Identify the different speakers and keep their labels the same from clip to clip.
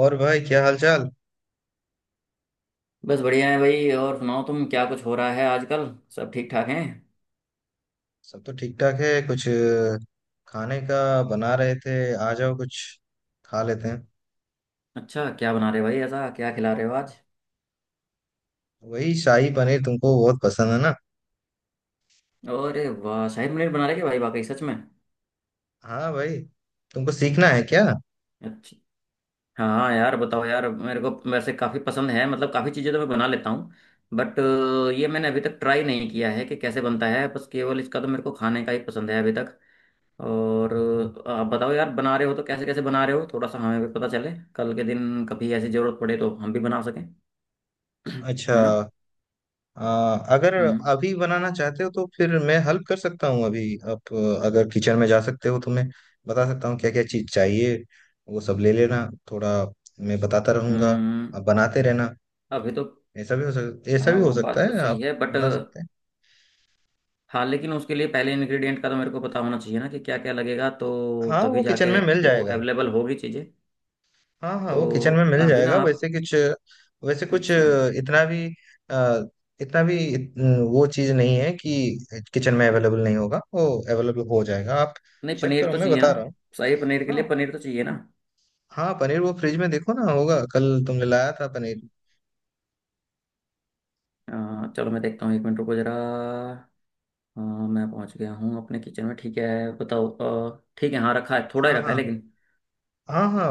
Speaker 1: और भाई, क्या हाल चाल।
Speaker 2: बस बढ़िया है भाई। और सुनाओ, तुम क्या कुछ हो रहा है आजकल? सब ठीक ठाक हैं।
Speaker 1: सब तो ठीक ठाक है। कुछ खाने का बना रहे थे। आ जाओ कुछ खा लेते हैं।
Speaker 2: अच्छा, क्या बना रहे भाई? ऐसा क्या खिला रहे हो आज?
Speaker 1: वही शाही पनीर तुमको बहुत पसंद है ना।
Speaker 2: अरे वाह, शाही पनीर बना रहे क्या भाई, वाकई सच में?
Speaker 1: हाँ भाई, तुमको सीखना है क्या?
Speaker 2: अच्छा। हाँ हाँ यार, बताओ यार, मेरे को वैसे काफ़ी पसंद है, मतलब काफ़ी चीज़ें तो मैं बना लेता हूँ, बट ये मैंने अभी तक ट्राई नहीं किया है कि कैसे बनता है, बस केवल इसका तो मेरे को खाने का ही पसंद है अभी तक। और आप बताओ यार, बना रहे हो तो कैसे कैसे बना रहे हो? थोड़ा सा हमें भी पता चले, कल के दिन कभी ऐसी ज़रूरत पड़े तो हम भी बना सकें।
Speaker 1: अच्छा।
Speaker 2: है ना?
Speaker 1: अ, अगर
Speaker 2: हम्म।
Speaker 1: अभी बनाना चाहते हो तो फिर मैं हेल्प कर सकता हूँ। अभी आप अगर किचन में जा सकते हो तो मैं बता सकता हूँ क्या क्या चीज़ चाहिए। वो सब ले लेना। थोड़ा मैं बताता रहूँगा।
Speaker 2: हम्म।
Speaker 1: आप बनाते रहना।
Speaker 2: अभी तो।
Speaker 1: ऐसा
Speaker 2: हाँ,
Speaker 1: भी हो
Speaker 2: वो
Speaker 1: सकता
Speaker 2: बात तो
Speaker 1: है आप
Speaker 2: सही है बट।
Speaker 1: बना सकते हैं।
Speaker 2: हाँ लेकिन उसके लिए पहले इंग्रेडिएंट का तो मेरे को पता होना चाहिए ना कि क्या क्या लगेगा, तो
Speaker 1: हाँ,
Speaker 2: तभी
Speaker 1: वो किचन
Speaker 2: जाके
Speaker 1: में मिल
Speaker 2: वो
Speaker 1: जाएगा।
Speaker 2: अवेलेबल होगी चीज़ें।
Speaker 1: हाँ हाँ,
Speaker 2: तो
Speaker 1: वो किचन में मिल
Speaker 2: अभी ना
Speaker 1: जाएगा।
Speaker 2: आप।
Speaker 1: वैसे कुछ
Speaker 2: अच्छा।
Speaker 1: इतना भी अ, इतना भी वो चीज़ नहीं है कि किचन में अवेलेबल नहीं होगा। वो अवेलेबल हो जाएगा। आप
Speaker 2: नहीं,
Speaker 1: चेक
Speaker 2: पनीर
Speaker 1: करो,
Speaker 2: तो
Speaker 1: मैं
Speaker 2: चाहिए ना।
Speaker 1: बता रहा हूँ।
Speaker 2: शाही पनीर के लिए
Speaker 1: हाँ
Speaker 2: पनीर तो चाहिए ना।
Speaker 1: हाँ, पनीर वो फ्रिज में देखो ना, होगा। कल तुमने लाया था पनीर।
Speaker 2: चलो मैं देखता हूँ, 1 मिनट रुको ज़रा। हाँ, मैं पहुँच गया हूँ अपने किचन में, ठीक है। बताओ। ठीक है, हाँ, रखा है, थोड़ा ही
Speaker 1: हाँ
Speaker 2: रखा है
Speaker 1: हाँ
Speaker 2: लेकिन।
Speaker 1: हाँ हाँ,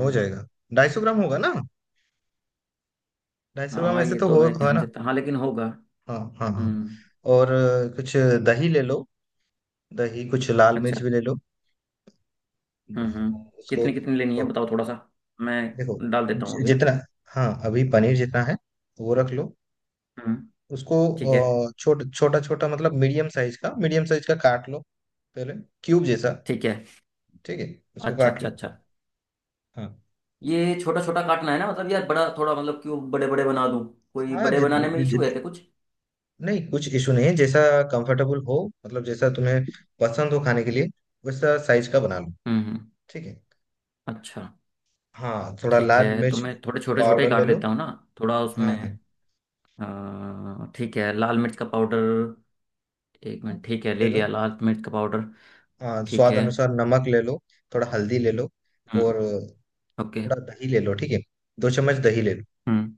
Speaker 1: हो जाएगा। 250 ग्राम होगा ना। 250 ग्राम
Speaker 2: हाँ,
Speaker 1: ऐसे
Speaker 2: ये
Speaker 1: तो
Speaker 2: तो
Speaker 1: हो
Speaker 2: मैं कह
Speaker 1: होगा
Speaker 2: नहीं
Speaker 1: ना।
Speaker 2: सकता, हाँ लेकिन होगा।
Speaker 1: हाँ हाँ हाँ।
Speaker 2: हम्म।
Speaker 1: और कुछ दही ले लो। दही, कुछ लाल मिर्च
Speaker 2: अच्छा।
Speaker 1: भी ले लो
Speaker 2: हम्म।
Speaker 1: उसको।
Speaker 2: कितनी कितनी लेनी है बताओ? थोड़ा सा
Speaker 1: देखो
Speaker 2: मैं डाल देता हूँ अभी ना।
Speaker 1: जितना, हाँ अभी पनीर जितना है वो रख लो
Speaker 2: हम्म।
Speaker 1: उसको।
Speaker 2: ठीक है।
Speaker 1: छोटा छोटा छोटा मतलब मीडियम साइज का काट लो पहले, क्यूब जैसा।
Speaker 2: ठीक है।
Speaker 1: ठीक है, उसको
Speaker 2: अच्छा
Speaker 1: काट
Speaker 2: अच्छा
Speaker 1: लो।
Speaker 2: अच्छा।
Speaker 1: हाँ
Speaker 2: ये छोटा छोटा काटना है ना, मतलब यार, बड़ा थोड़ा मतलब, क्यों बड़े बड़े बना दूं? कोई
Speaker 1: हाँ,
Speaker 2: बड़े बनाने में इशू है क्या कुछ?
Speaker 1: नहीं कुछ इशू नहीं है, जैसा कंफर्टेबल हो, मतलब जैसा तुम्हें पसंद हो खाने के लिए वैसा साइज का बना लो।
Speaker 2: हम्म।
Speaker 1: ठीक है।
Speaker 2: अच्छा।
Speaker 1: हाँ, थोड़ा
Speaker 2: ठीक
Speaker 1: लाल
Speaker 2: है, तो
Speaker 1: मिर्च
Speaker 2: मैं थोड़े छोटे छोटे
Speaker 1: पाउडर ले
Speaker 2: काट
Speaker 1: लो।
Speaker 2: देता हूँ ना। थोड़ा उसमें
Speaker 1: हाँ हाँ
Speaker 2: ठीक है, लाल मिर्च का पाउडर। एक मिनट, ठीक है,
Speaker 1: ले
Speaker 2: ले
Speaker 1: लो।
Speaker 2: लिया लाल मिर्च का पाउडर।
Speaker 1: हाँ,
Speaker 2: ठीक
Speaker 1: स्वाद
Speaker 2: है।
Speaker 1: अनुसार नमक ले लो। थोड़ा हल्दी ले लो।
Speaker 2: हम्म।
Speaker 1: और
Speaker 2: ओके।
Speaker 1: थोड़ा दही ले लो, ठीक है। 2 चम्मच दही ले लो
Speaker 2: हम्म।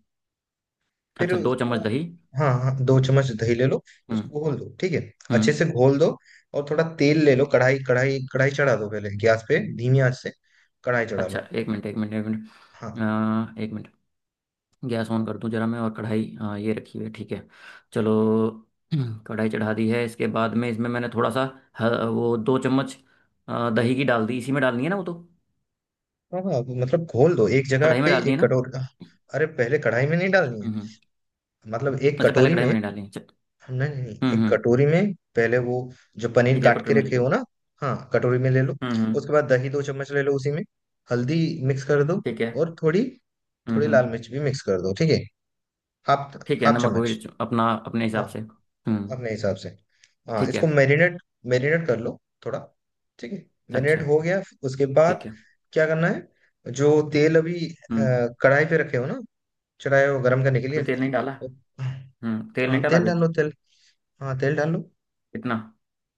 Speaker 1: फिर
Speaker 2: अच्छा, दो
Speaker 1: उसको।
Speaker 2: चम्मच दही
Speaker 1: हाँ हाँ, 2 चम्मच दही ले लो,
Speaker 2: हम्म
Speaker 1: उसको घोल दो, ठीक है। अच्छे
Speaker 2: हम्म।
Speaker 1: से घोल दो। और थोड़ा तेल ले लो। कढ़ाई कढ़ाई कढ़ाई चढ़ा दो पहले गैस पे, धीमी आंच से कढ़ाई चढ़ा
Speaker 2: अच्छा,
Speaker 1: लो।
Speaker 2: 1 मिनट 1 मिनट 1 मिनट।
Speaker 1: हाँ
Speaker 2: एक मिनट। गैस ऑन कर दूं जरा मैं, और कढ़ाई ये रखी हुई है, ठीक है। चलो। कढ़ाई चढ़ा दी है, इसके बाद में इसमें मैंने थोड़ा सा वो 2 चम्मच दही की डाल दी, इसी में डालनी है ना वो तो?
Speaker 1: हाँ हाँ, मतलब घोल दो एक जगह
Speaker 2: कढ़ाई में
Speaker 1: पे,
Speaker 2: डालनी है
Speaker 1: एक
Speaker 2: ना?
Speaker 1: कटोरी। अरे पहले कढ़ाई में नहीं डालनी है,
Speaker 2: हम्म।
Speaker 1: मतलब एक
Speaker 2: अच्छा, पहले
Speaker 1: कटोरी
Speaker 2: कढ़ाई में
Speaker 1: में।
Speaker 2: नहीं डालनी है, अच्छा।
Speaker 1: नहीं नहीं नहीं, एक
Speaker 2: हम्म।
Speaker 1: कटोरी में पहले वो जो पनीर
Speaker 2: ठीक है,
Speaker 1: काट
Speaker 2: कटोरी
Speaker 1: के
Speaker 2: में ले
Speaker 1: रखे
Speaker 2: लिया।
Speaker 1: हो ना। हाँ कटोरी में ले लो।
Speaker 2: हम्म।
Speaker 1: उसके बाद दही 2 चम्मच ले लो उसी में, हल्दी मिक्स कर दो।
Speaker 2: ठीक है।
Speaker 1: और थोड़ी थोड़ी लाल
Speaker 2: हम्म।
Speaker 1: मिर्च भी मिक्स कर दो, ठीक है। हाफ
Speaker 2: ठीक है,
Speaker 1: हाफ
Speaker 2: नमक
Speaker 1: चम्मच।
Speaker 2: मिर्च अपना अपने
Speaker 1: हाँ,
Speaker 2: हिसाब से। हम्म।
Speaker 1: अपने हिसाब से। हाँ,
Speaker 2: ठीक है।
Speaker 1: इसको मैरिनेट मैरिनेट कर लो थोड़ा। ठीक है, मैरिनेट
Speaker 2: अच्छा।
Speaker 1: हो गया। उसके
Speaker 2: ठीक
Speaker 1: बाद
Speaker 2: है।
Speaker 1: क्या करना है, जो तेल अभी
Speaker 2: हम्म।
Speaker 1: कढ़ाई पे रखे हो ना, चढ़ाए हो गर्म करने के लिए।
Speaker 2: अभी तेल नहीं डाला।
Speaker 1: वो-
Speaker 2: हम्म, तेल
Speaker 1: हाँ
Speaker 2: नहीं डाला
Speaker 1: तेल
Speaker 2: अभी।
Speaker 1: डालो, तेल। हाँ तेल डालो,
Speaker 2: कितना?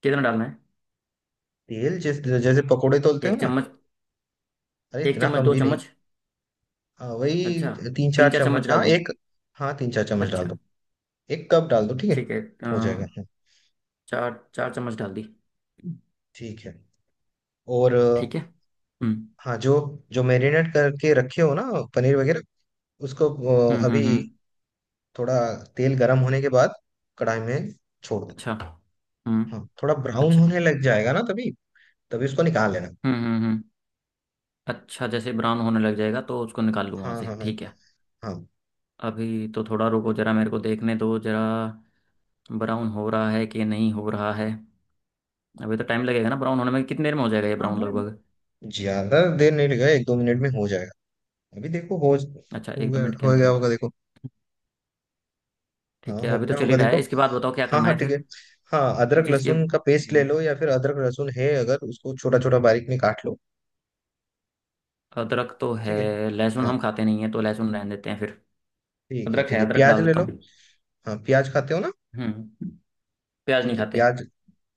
Speaker 2: कितना डालना है?
Speaker 1: तेल। जिस जैसे पकोड़े तोलते हो
Speaker 2: एक
Speaker 1: ना।
Speaker 2: चम्मच
Speaker 1: अरे
Speaker 2: एक
Speaker 1: इतना
Speaker 2: चम्मच
Speaker 1: कम
Speaker 2: दो
Speaker 1: भी नहीं।
Speaker 2: चम्मच
Speaker 1: हाँ,
Speaker 2: अच्छा,
Speaker 1: वही तीन चार
Speaker 2: तीन चार
Speaker 1: चम्मच
Speaker 2: चम्मच डाल
Speaker 1: हाँ
Speaker 2: दूँ?
Speaker 1: एक, हाँ 3 4 चम्मच डाल
Speaker 2: अच्छा।
Speaker 1: दो। एक कप डाल दो, ठीक है।
Speaker 2: ठीक है।
Speaker 1: हो जाएगा, हाँ,
Speaker 2: चार चार चम्मच डाल दी।
Speaker 1: ठीक है। और,
Speaker 2: ठीक है।
Speaker 1: हाँ, जो जो मैरिनेट करके रखे हो ना, पनीर वगैरह, उसको अभी
Speaker 2: हम्म।
Speaker 1: थोड़ा तेल गर्म होने के बाद कढ़ाई में छोड़ दो।
Speaker 2: अच्छा। हम्म।
Speaker 1: हाँ, थोड़ा ब्राउन
Speaker 2: अच्छा।
Speaker 1: होने लग जाएगा ना, तभी तभी उसको निकाल लेना।
Speaker 2: हम्म। अच्छा, जैसे ब्राउन होने लग जाएगा तो उसको निकाल लूँ वहाँ
Speaker 1: हाँ
Speaker 2: से,
Speaker 1: हाँ हाँ
Speaker 2: ठीक है।
Speaker 1: हाँ
Speaker 2: अभी तो थोड़ा रुको जरा, मेरे को देखने दो जरा, ब्राउन हो रहा है कि नहीं हो रहा है। अभी तो टाइम लगेगा ना ब्राउन होने में, कितनी देर में हो जाएगा ये
Speaker 1: हाँ
Speaker 2: ब्राउन
Speaker 1: हाँ,
Speaker 2: लगभग?
Speaker 1: ज्यादा देर नहीं लगेगा, 1 2 मिनट में हो जाएगा। अभी देखो हो
Speaker 2: अच्छा,
Speaker 1: हो
Speaker 2: एक दो
Speaker 1: गया
Speaker 2: मिनट के
Speaker 1: हो
Speaker 2: अंदर
Speaker 1: गया
Speaker 2: अंदर।
Speaker 1: होगा, देखो। हाँ
Speaker 2: ठीक है,
Speaker 1: हो
Speaker 2: अभी तो
Speaker 1: गया
Speaker 2: चल ही
Speaker 1: होगा,
Speaker 2: रहा
Speaker 1: देखो।
Speaker 2: है, इसके बाद बताओ क्या
Speaker 1: हाँ
Speaker 2: करना
Speaker 1: हाँ,
Speaker 2: है
Speaker 1: ठीक है।
Speaker 2: फिर।
Speaker 1: हाँ, अदरक
Speaker 2: कुछ इसके।
Speaker 1: लहसुन का पेस्ट ले लो, या फिर अदरक लहसुन है अगर, उसको छोटा छोटा बारीक में काट लो।
Speaker 2: अदरक तो है।
Speaker 1: ठीक है।
Speaker 2: लहसुन
Speaker 1: हाँ,
Speaker 2: हम खाते नहीं है, तो लहसुन रहने देते हैं फिर।
Speaker 1: ठीक है,
Speaker 2: अदरक
Speaker 1: ठीक है,
Speaker 2: है, अदरक
Speaker 1: प्याज
Speaker 2: डाल
Speaker 1: ले
Speaker 2: देता
Speaker 1: लो।
Speaker 2: हूँ।
Speaker 1: हाँ, प्याज खाते हो ना।
Speaker 2: हम्म। प्याज नहीं
Speaker 1: ठीक है
Speaker 2: खाते।
Speaker 1: प्याज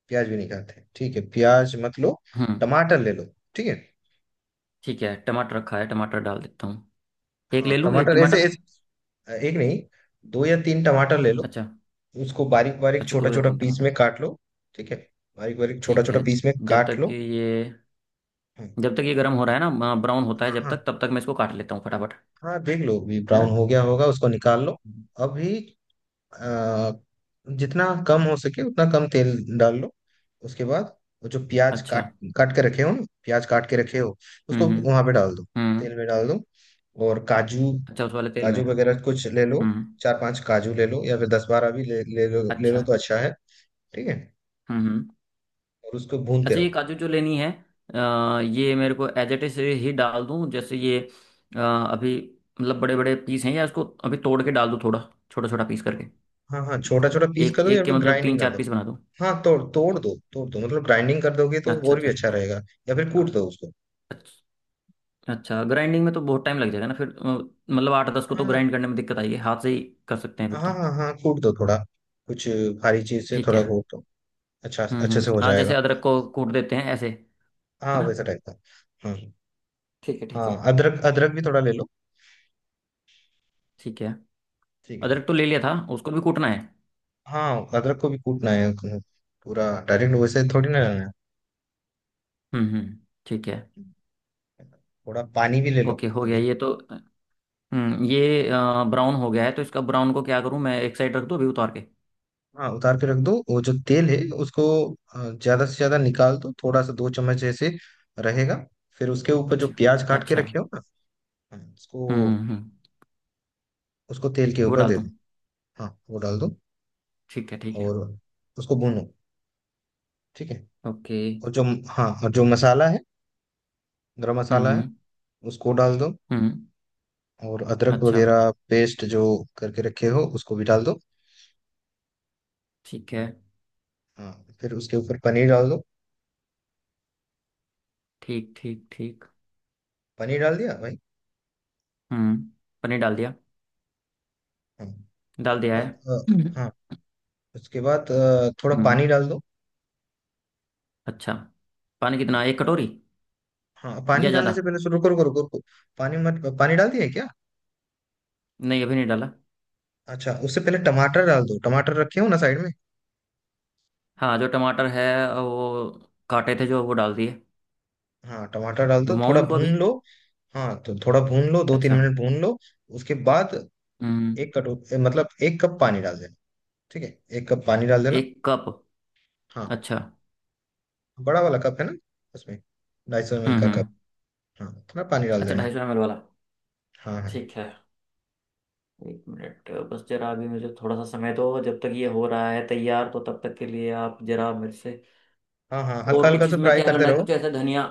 Speaker 1: प्याज भी नहीं खाते, ठीक है प्याज मत लो।
Speaker 2: हम्म।
Speaker 1: टमाटर ले लो, ठीक है।
Speaker 2: ठीक है, टमाटर रखा है, टमाटर डाल देता हूँ। एक
Speaker 1: हाँ,
Speaker 2: ले लूँ, एक
Speaker 1: टमाटर ऐसे
Speaker 2: टमाटर?
Speaker 1: ऐसे एक नहीं, दो या तीन टमाटर ले लो।
Speaker 2: अच्छा।
Speaker 1: उसको बारीक बारीक
Speaker 2: अच्छा,
Speaker 1: छोटा
Speaker 2: दो या
Speaker 1: छोटा
Speaker 2: तीन
Speaker 1: पीस
Speaker 2: टमाटर
Speaker 1: में काट लो। ठीक है, बारीक बारीक छोटा
Speaker 2: ठीक
Speaker 1: छोटा
Speaker 2: है।
Speaker 1: पीस में
Speaker 2: जब
Speaker 1: काट
Speaker 2: तक कि
Speaker 1: लो।
Speaker 2: ये,
Speaker 1: हम्म,
Speaker 2: जब तक ये गर्म हो रहा है ना, ब्राउन होता है
Speaker 1: हाँ
Speaker 2: जब
Speaker 1: हाँ
Speaker 2: तक, तब तक मैं इसको काट लेता हूँ फटाफट,
Speaker 1: हाँ, देख लो भी,
Speaker 2: है
Speaker 1: ब्राउन
Speaker 2: ना?
Speaker 1: हो गया होगा, उसको निकाल लो।
Speaker 2: हम्म।
Speaker 1: अभी अ, जितना कम हो सके उतना कम तेल डाल लो। उसके बाद वो जो प्याज
Speaker 2: अच्छा।
Speaker 1: काट काट के रखे हो ना, प्याज काट के रखे हो, उसको
Speaker 2: हम्म हम्म
Speaker 1: वहां पे डाल दो,
Speaker 2: हम्म।
Speaker 1: तेल में डाल दो। और काजू
Speaker 2: अच्छा, उस वाले तेल में।
Speaker 1: काजू वगैरह कुछ ले लो।
Speaker 2: हम्म।
Speaker 1: चार पांच काजू ले लो, या फिर दस बारह भी ले ले लो। ले लो
Speaker 2: अच्छा।
Speaker 1: तो अच्छा है। ठीक है।
Speaker 2: हम्म हम्म।
Speaker 1: और उसको भूनते
Speaker 2: अच्छा, ये
Speaker 1: रहो।
Speaker 2: काजू जो लेनी है, ये मेरे को एज इट इज ही डाल दूं जैसे ये, अभी मतलब बड़े बड़े पीस हैं, या इसको अभी तोड़ के डाल दूं थोड़ा छोटा छोटा पीस करके?
Speaker 1: हाँ हाँ, छोटा छोटा पीस
Speaker 2: एक
Speaker 1: कर दो या
Speaker 2: एक के
Speaker 1: फिर
Speaker 2: मतलब
Speaker 1: ग्राइंडिंग
Speaker 2: तीन
Speaker 1: कर
Speaker 2: चार
Speaker 1: दो।
Speaker 2: पीस बना दूं?
Speaker 1: हाँ, तोड़ तोड़ दो, तोड़ दो मतलब, ग्राइंडिंग कर दोगे तो
Speaker 2: अच्छा
Speaker 1: और भी
Speaker 2: अच्छा,
Speaker 1: अच्छा
Speaker 2: तो
Speaker 1: रहेगा। या फिर
Speaker 2: हाँ।
Speaker 1: कूट दो उसको।
Speaker 2: अच्छा। अच्छा, ग्राइंडिंग में तो बहुत टाइम लग जाएगा ना फिर मतलब 8 10 को तो
Speaker 1: हाँ
Speaker 2: ग्राइंड करने में दिक्कत आएगी, हाथ से ही कर सकते हैं फिर
Speaker 1: हाँ
Speaker 2: तो।
Speaker 1: हाँ हाँ, कूट दो थोड़ा, कुछ भारी चीज से
Speaker 2: ठीक
Speaker 1: थोड़ा
Speaker 2: है।
Speaker 1: कूट दो। अच्छा, अच्छे से
Speaker 2: हम्म।
Speaker 1: हो
Speaker 2: हाँ,
Speaker 1: जाएगा।
Speaker 2: जैसे अदरक को कूट देते हैं ऐसे, है
Speaker 1: हाँ,
Speaker 2: ना?
Speaker 1: वैसा टाइप का। हाँ
Speaker 2: ठीक है,
Speaker 1: हाँ,
Speaker 2: ठीक है।
Speaker 1: अदरक अदरक भी थोड़ा ले लो।
Speaker 2: ठीक है,
Speaker 1: ठीक है।
Speaker 2: अदरक तो ले लिया था, उसको भी कूटना है।
Speaker 1: हाँ, अदरक को भी कूटना है, पूरा डायरेक्ट वैसे थोड़ी ना लेना है।
Speaker 2: हम्म। ठीक है।
Speaker 1: थोड़ा पानी भी ले लो।
Speaker 2: ओके, हो गया
Speaker 1: अभी,
Speaker 2: ये तो। हम्म, ये ब्राउन हो गया है, तो इसका ब्राउन को क्या करूँ मैं? एक साइड रख दूँ अभी उतार के?
Speaker 1: हाँ, उतार के रख दो। वो जो तेल है उसको ज्यादा से ज्यादा निकाल दो, थोड़ा सा दो चम्मच ऐसे रहेगा। फिर उसके ऊपर जो
Speaker 2: अच्छा।
Speaker 1: प्याज काट के
Speaker 2: अच्छा।
Speaker 1: रखे हो ना, हाँ,
Speaker 2: हम्म।
Speaker 1: उसको उसको तेल के
Speaker 2: वो
Speaker 1: ऊपर
Speaker 2: डाल
Speaker 1: दे
Speaker 2: दूँ?
Speaker 1: दो। हाँ वो डाल दो।
Speaker 2: ठीक है, ठीक है।
Speaker 1: और उसको भूनो, ठीक है।
Speaker 2: ओके।
Speaker 1: और जो, हाँ, और जो मसाला है, गरम मसाला है,
Speaker 2: हम्म।
Speaker 1: उसको डाल दो।
Speaker 2: हम्म,
Speaker 1: और अदरक
Speaker 2: अच्छा।
Speaker 1: वगैरह पेस्ट जो करके रखे हो उसको भी डाल दो।
Speaker 2: ठीक है।
Speaker 1: हाँ, फिर उसके ऊपर पनीर डाल दो।
Speaker 2: ठीक ठीक ठीक।
Speaker 1: पनीर डाल दिया भाई।
Speaker 2: हम्म, पनीर डाल दिया,
Speaker 1: हाँ।
Speaker 2: डाल
Speaker 1: उसके
Speaker 2: दिया है।
Speaker 1: बाद
Speaker 2: हम्म
Speaker 1: हाँ, उसके बाद थोड़ा
Speaker 2: हम्म।
Speaker 1: पानी डाल दो।
Speaker 2: अच्छा, पानी कितना? एक कटोरी
Speaker 1: हाँ, पानी
Speaker 2: या
Speaker 1: डालने
Speaker 2: ज़्यादा?
Speaker 1: से पहले रुको रुको रुको रुको, पानी मत पानी डाल दिया है क्या?
Speaker 2: नहीं, अभी नहीं डाला।
Speaker 1: अच्छा, उससे पहले टमाटर डाल दो, टमाटर रखे हो ना साइड में।
Speaker 2: हाँ, जो टमाटर है वो, काटे थे जो, वो डाल दिए।
Speaker 1: हाँ टमाटर डाल दो,
Speaker 2: घुमाऊँ
Speaker 1: थोड़ा
Speaker 2: इनको
Speaker 1: भून
Speaker 2: अभी?
Speaker 1: लो। हाँ तो थोड़ा भून लो, दो तीन
Speaker 2: अच्छा।
Speaker 1: मिनट भून लो। उसके बाद
Speaker 2: हम्म।
Speaker 1: एक कटोरी मतलब एक कप पानी डाल देना, ठीक है, एक कप पानी डाल देना।
Speaker 2: 1 कप।
Speaker 1: हाँ,
Speaker 2: अच्छा।
Speaker 1: बड़ा वाला कप है ना, उसमें 250 ml का कप।
Speaker 2: हम्म।
Speaker 1: हाँ, थोड़ा पानी डाल
Speaker 2: अच्छा,
Speaker 1: देना।
Speaker 2: 250 ML वाला।
Speaker 1: हाँ हाँ
Speaker 2: ठीक है। एक मिनट बस जरा, अभी मुझे थोड़ा सा समय दो, जब तक ये हो रहा है तैयार तो तब तक के लिए आप जरा मेरे से।
Speaker 1: हाँ हाँ, हल्का
Speaker 2: और
Speaker 1: हल्का
Speaker 2: कुछ
Speaker 1: से
Speaker 2: इसमें
Speaker 1: फ्राई
Speaker 2: क्या
Speaker 1: करते
Speaker 2: करना है?
Speaker 1: रहो।
Speaker 2: कुछ ऐसा धनिया,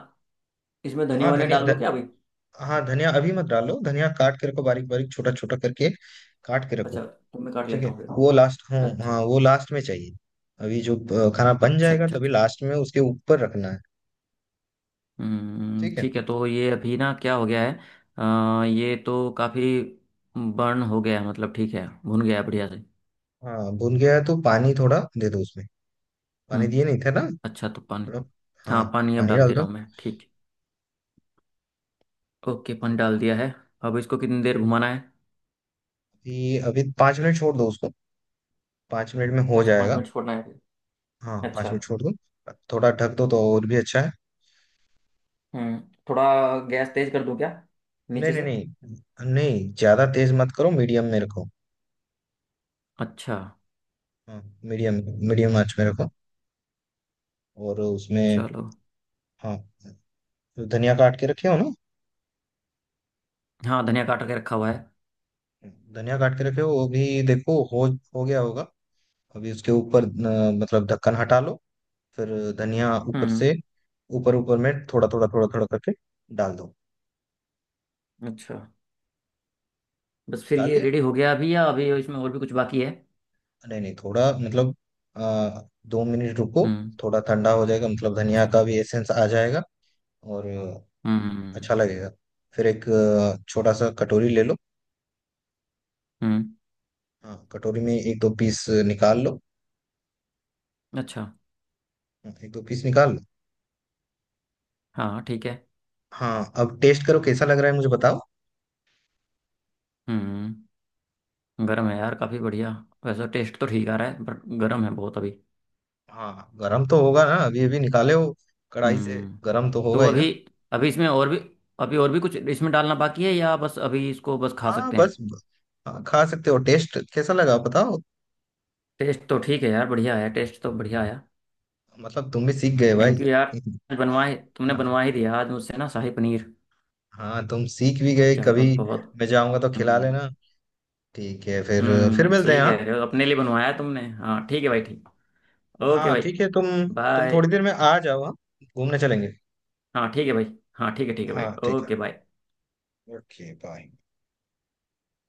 Speaker 2: इसमें धनिया
Speaker 1: हाँ
Speaker 2: वनिया
Speaker 1: धनिया
Speaker 2: डाल
Speaker 1: ध,
Speaker 2: दूं क्या अभी?
Speaker 1: हाँ, धनिया अभी मत डालो, धनिया काट के रखो बारीक बारीक छोटा छोटा करके काट के
Speaker 2: अच्छा,
Speaker 1: रखो।
Speaker 2: तो मैं काट
Speaker 1: ठीक
Speaker 2: लेता
Speaker 1: है,
Speaker 2: हूँ
Speaker 1: वो
Speaker 2: फिर।
Speaker 1: लास्ट, हाँ
Speaker 2: अच्छा।
Speaker 1: हाँ, वो लास्ट में चाहिए। अभी जो खाना बन
Speaker 2: अच्छा
Speaker 1: जाएगा
Speaker 2: अच्छा
Speaker 1: तभी
Speaker 2: अच्छा।
Speaker 1: लास्ट में उसके ऊपर रखना है।
Speaker 2: हम्म,
Speaker 1: ठीक है।
Speaker 2: ठीक है, तो ये अभी ना क्या हो गया है? ये तो काफी बर्न हो गया है, मतलब ठीक है, भुन गया है बढ़िया से।
Speaker 1: हाँ, भुन गया है तो पानी थोड़ा दे दो उसमें, पानी
Speaker 2: हम्म।
Speaker 1: दिए नहीं थे ना
Speaker 2: अच्छा, तो पानी?
Speaker 1: थोड़ा।
Speaker 2: हाँ,
Speaker 1: हाँ,
Speaker 2: पानी अब
Speaker 1: पानी
Speaker 2: डाल
Speaker 1: डाल
Speaker 2: दे
Speaker 1: दो।
Speaker 2: रहा हूँ मैं, ठीक। ओके, पानी डाल दिया है। अब इसको कितनी देर घुमाना है?
Speaker 1: अभी अभी 5 मिनट छोड़ दो उसको। 5 मिनट में हो
Speaker 2: अच्छा, पाँच
Speaker 1: जाएगा।
Speaker 2: मिनट छोड़ना है।
Speaker 1: हाँ पाँच
Speaker 2: अच्छा।
Speaker 1: मिनट छोड़ दूँ। थोड़ा ढक दो तो और भी अच्छा है।
Speaker 2: हम्म, थोड़ा गैस तेज कर दूं क्या,
Speaker 1: नहीं
Speaker 2: नीचे
Speaker 1: नहीं
Speaker 2: से?
Speaker 1: नहीं नहीं, ज़्यादा तेज मत करो, मीडियम में रखो।
Speaker 2: अच्छा।
Speaker 1: हाँ, मीडियम मीडियम आंच में
Speaker 2: हम्म,
Speaker 1: रखो। और उसमें,
Speaker 2: चलो।
Speaker 1: हाँ, धनिया काट के रखे हो ना,
Speaker 2: हाँ, धनिया काट के रखा हुआ है।
Speaker 1: धनिया काट के रखे हो वो भी देखो, हो गया होगा। अभी उसके ऊपर मतलब ढक्कन हटा लो, फिर धनिया ऊपर से
Speaker 2: हम्म।
Speaker 1: ऊपर ऊपर में थोड़ा थोड़ा थोड़ा थोड़ा करके डाल दो।
Speaker 2: अच्छा, बस फिर
Speaker 1: डाल
Speaker 2: ये
Speaker 1: दिया।
Speaker 2: रेडी हो गया अभी, या अभी इसमें और भी कुछ बाकी है?
Speaker 1: नहीं नहीं, थोड़ा, मतलब आ, 2 मिनट रुको।
Speaker 2: हम्म।
Speaker 1: थोड़ा ठंडा हो जाएगा, मतलब धनिया
Speaker 2: अच्छा।
Speaker 1: का भी एसेंस आ जाएगा और
Speaker 2: हम्म।
Speaker 1: अच्छा लगेगा। फिर एक छोटा सा कटोरी ले लो।
Speaker 2: हम्म,
Speaker 1: हाँ, कटोरी में एक दो पीस निकाल लो।
Speaker 2: अच्छा।
Speaker 1: हाँ, एक दो पीस निकाल लो।
Speaker 2: हाँ, ठीक है।
Speaker 1: हाँ, अब टेस्ट करो, कैसा लग रहा है मुझे बताओ।
Speaker 2: हम्म, गर्म है यार, काफ़ी बढ़िया। वैसे टेस्ट तो ठीक आ रहा है, बट गर्म है बहुत अभी।
Speaker 1: हाँ गरम तो होगा ना, अभी अभी निकाले हो कढ़ाई से,
Speaker 2: हम्म।
Speaker 1: गरम तो
Speaker 2: तो
Speaker 1: होगा ही ना।
Speaker 2: अभी, अभी इसमें और भी, अभी और भी कुछ इसमें डालना बाकी है, या बस अभी इसको बस खा
Speaker 1: हाँ
Speaker 2: सकते
Speaker 1: बस,
Speaker 2: हैं?
Speaker 1: हाँ, खा सकते हो। टेस्ट कैसा लगा बताओ।
Speaker 2: टेस्ट तो ठीक है यार, बढ़िया है, टेस्ट तो बढ़िया आया।
Speaker 1: मतलब तुम भी सीख गए भाई।
Speaker 2: थैंक यू यार, बनवाए तुमने, बनवा ही दिया आज मुझसे ना शाही पनीर।
Speaker 1: हाँ तुम सीख भी गए,
Speaker 2: चलो,
Speaker 1: कभी
Speaker 2: बहुत।
Speaker 1: मैं जाऊंगा तो खिला
Speaker 2: हम्म।
Speaker 1: लेना। ठीक है फिर
Speaker 2: हम्म,
Speaker 1: मिलते
Speaker 2: सही
Speaker 1: हैं, हाँ।
Speaker 2: कह रहे हो, अपने लिए बनवाया तुमने। हाँ ठीक है भाई, ठीक। ओके
Speaker 1: हाँ
Speaker 2: भाई,
Speaker 1: ठीक है, तुम
Speaker 2: बाय।
Speaker 1: थोड़ी देर में आ जाओ, हाँ, घूमने चलेंगे।
Speaker 2: हाँ ठीक है भाई। हाँ ठीक है, ठीक है भाई,
Speaker 1: हाँ ठीक है।
Speaker 2: Okay bye.
Speaker 1: Okay bye.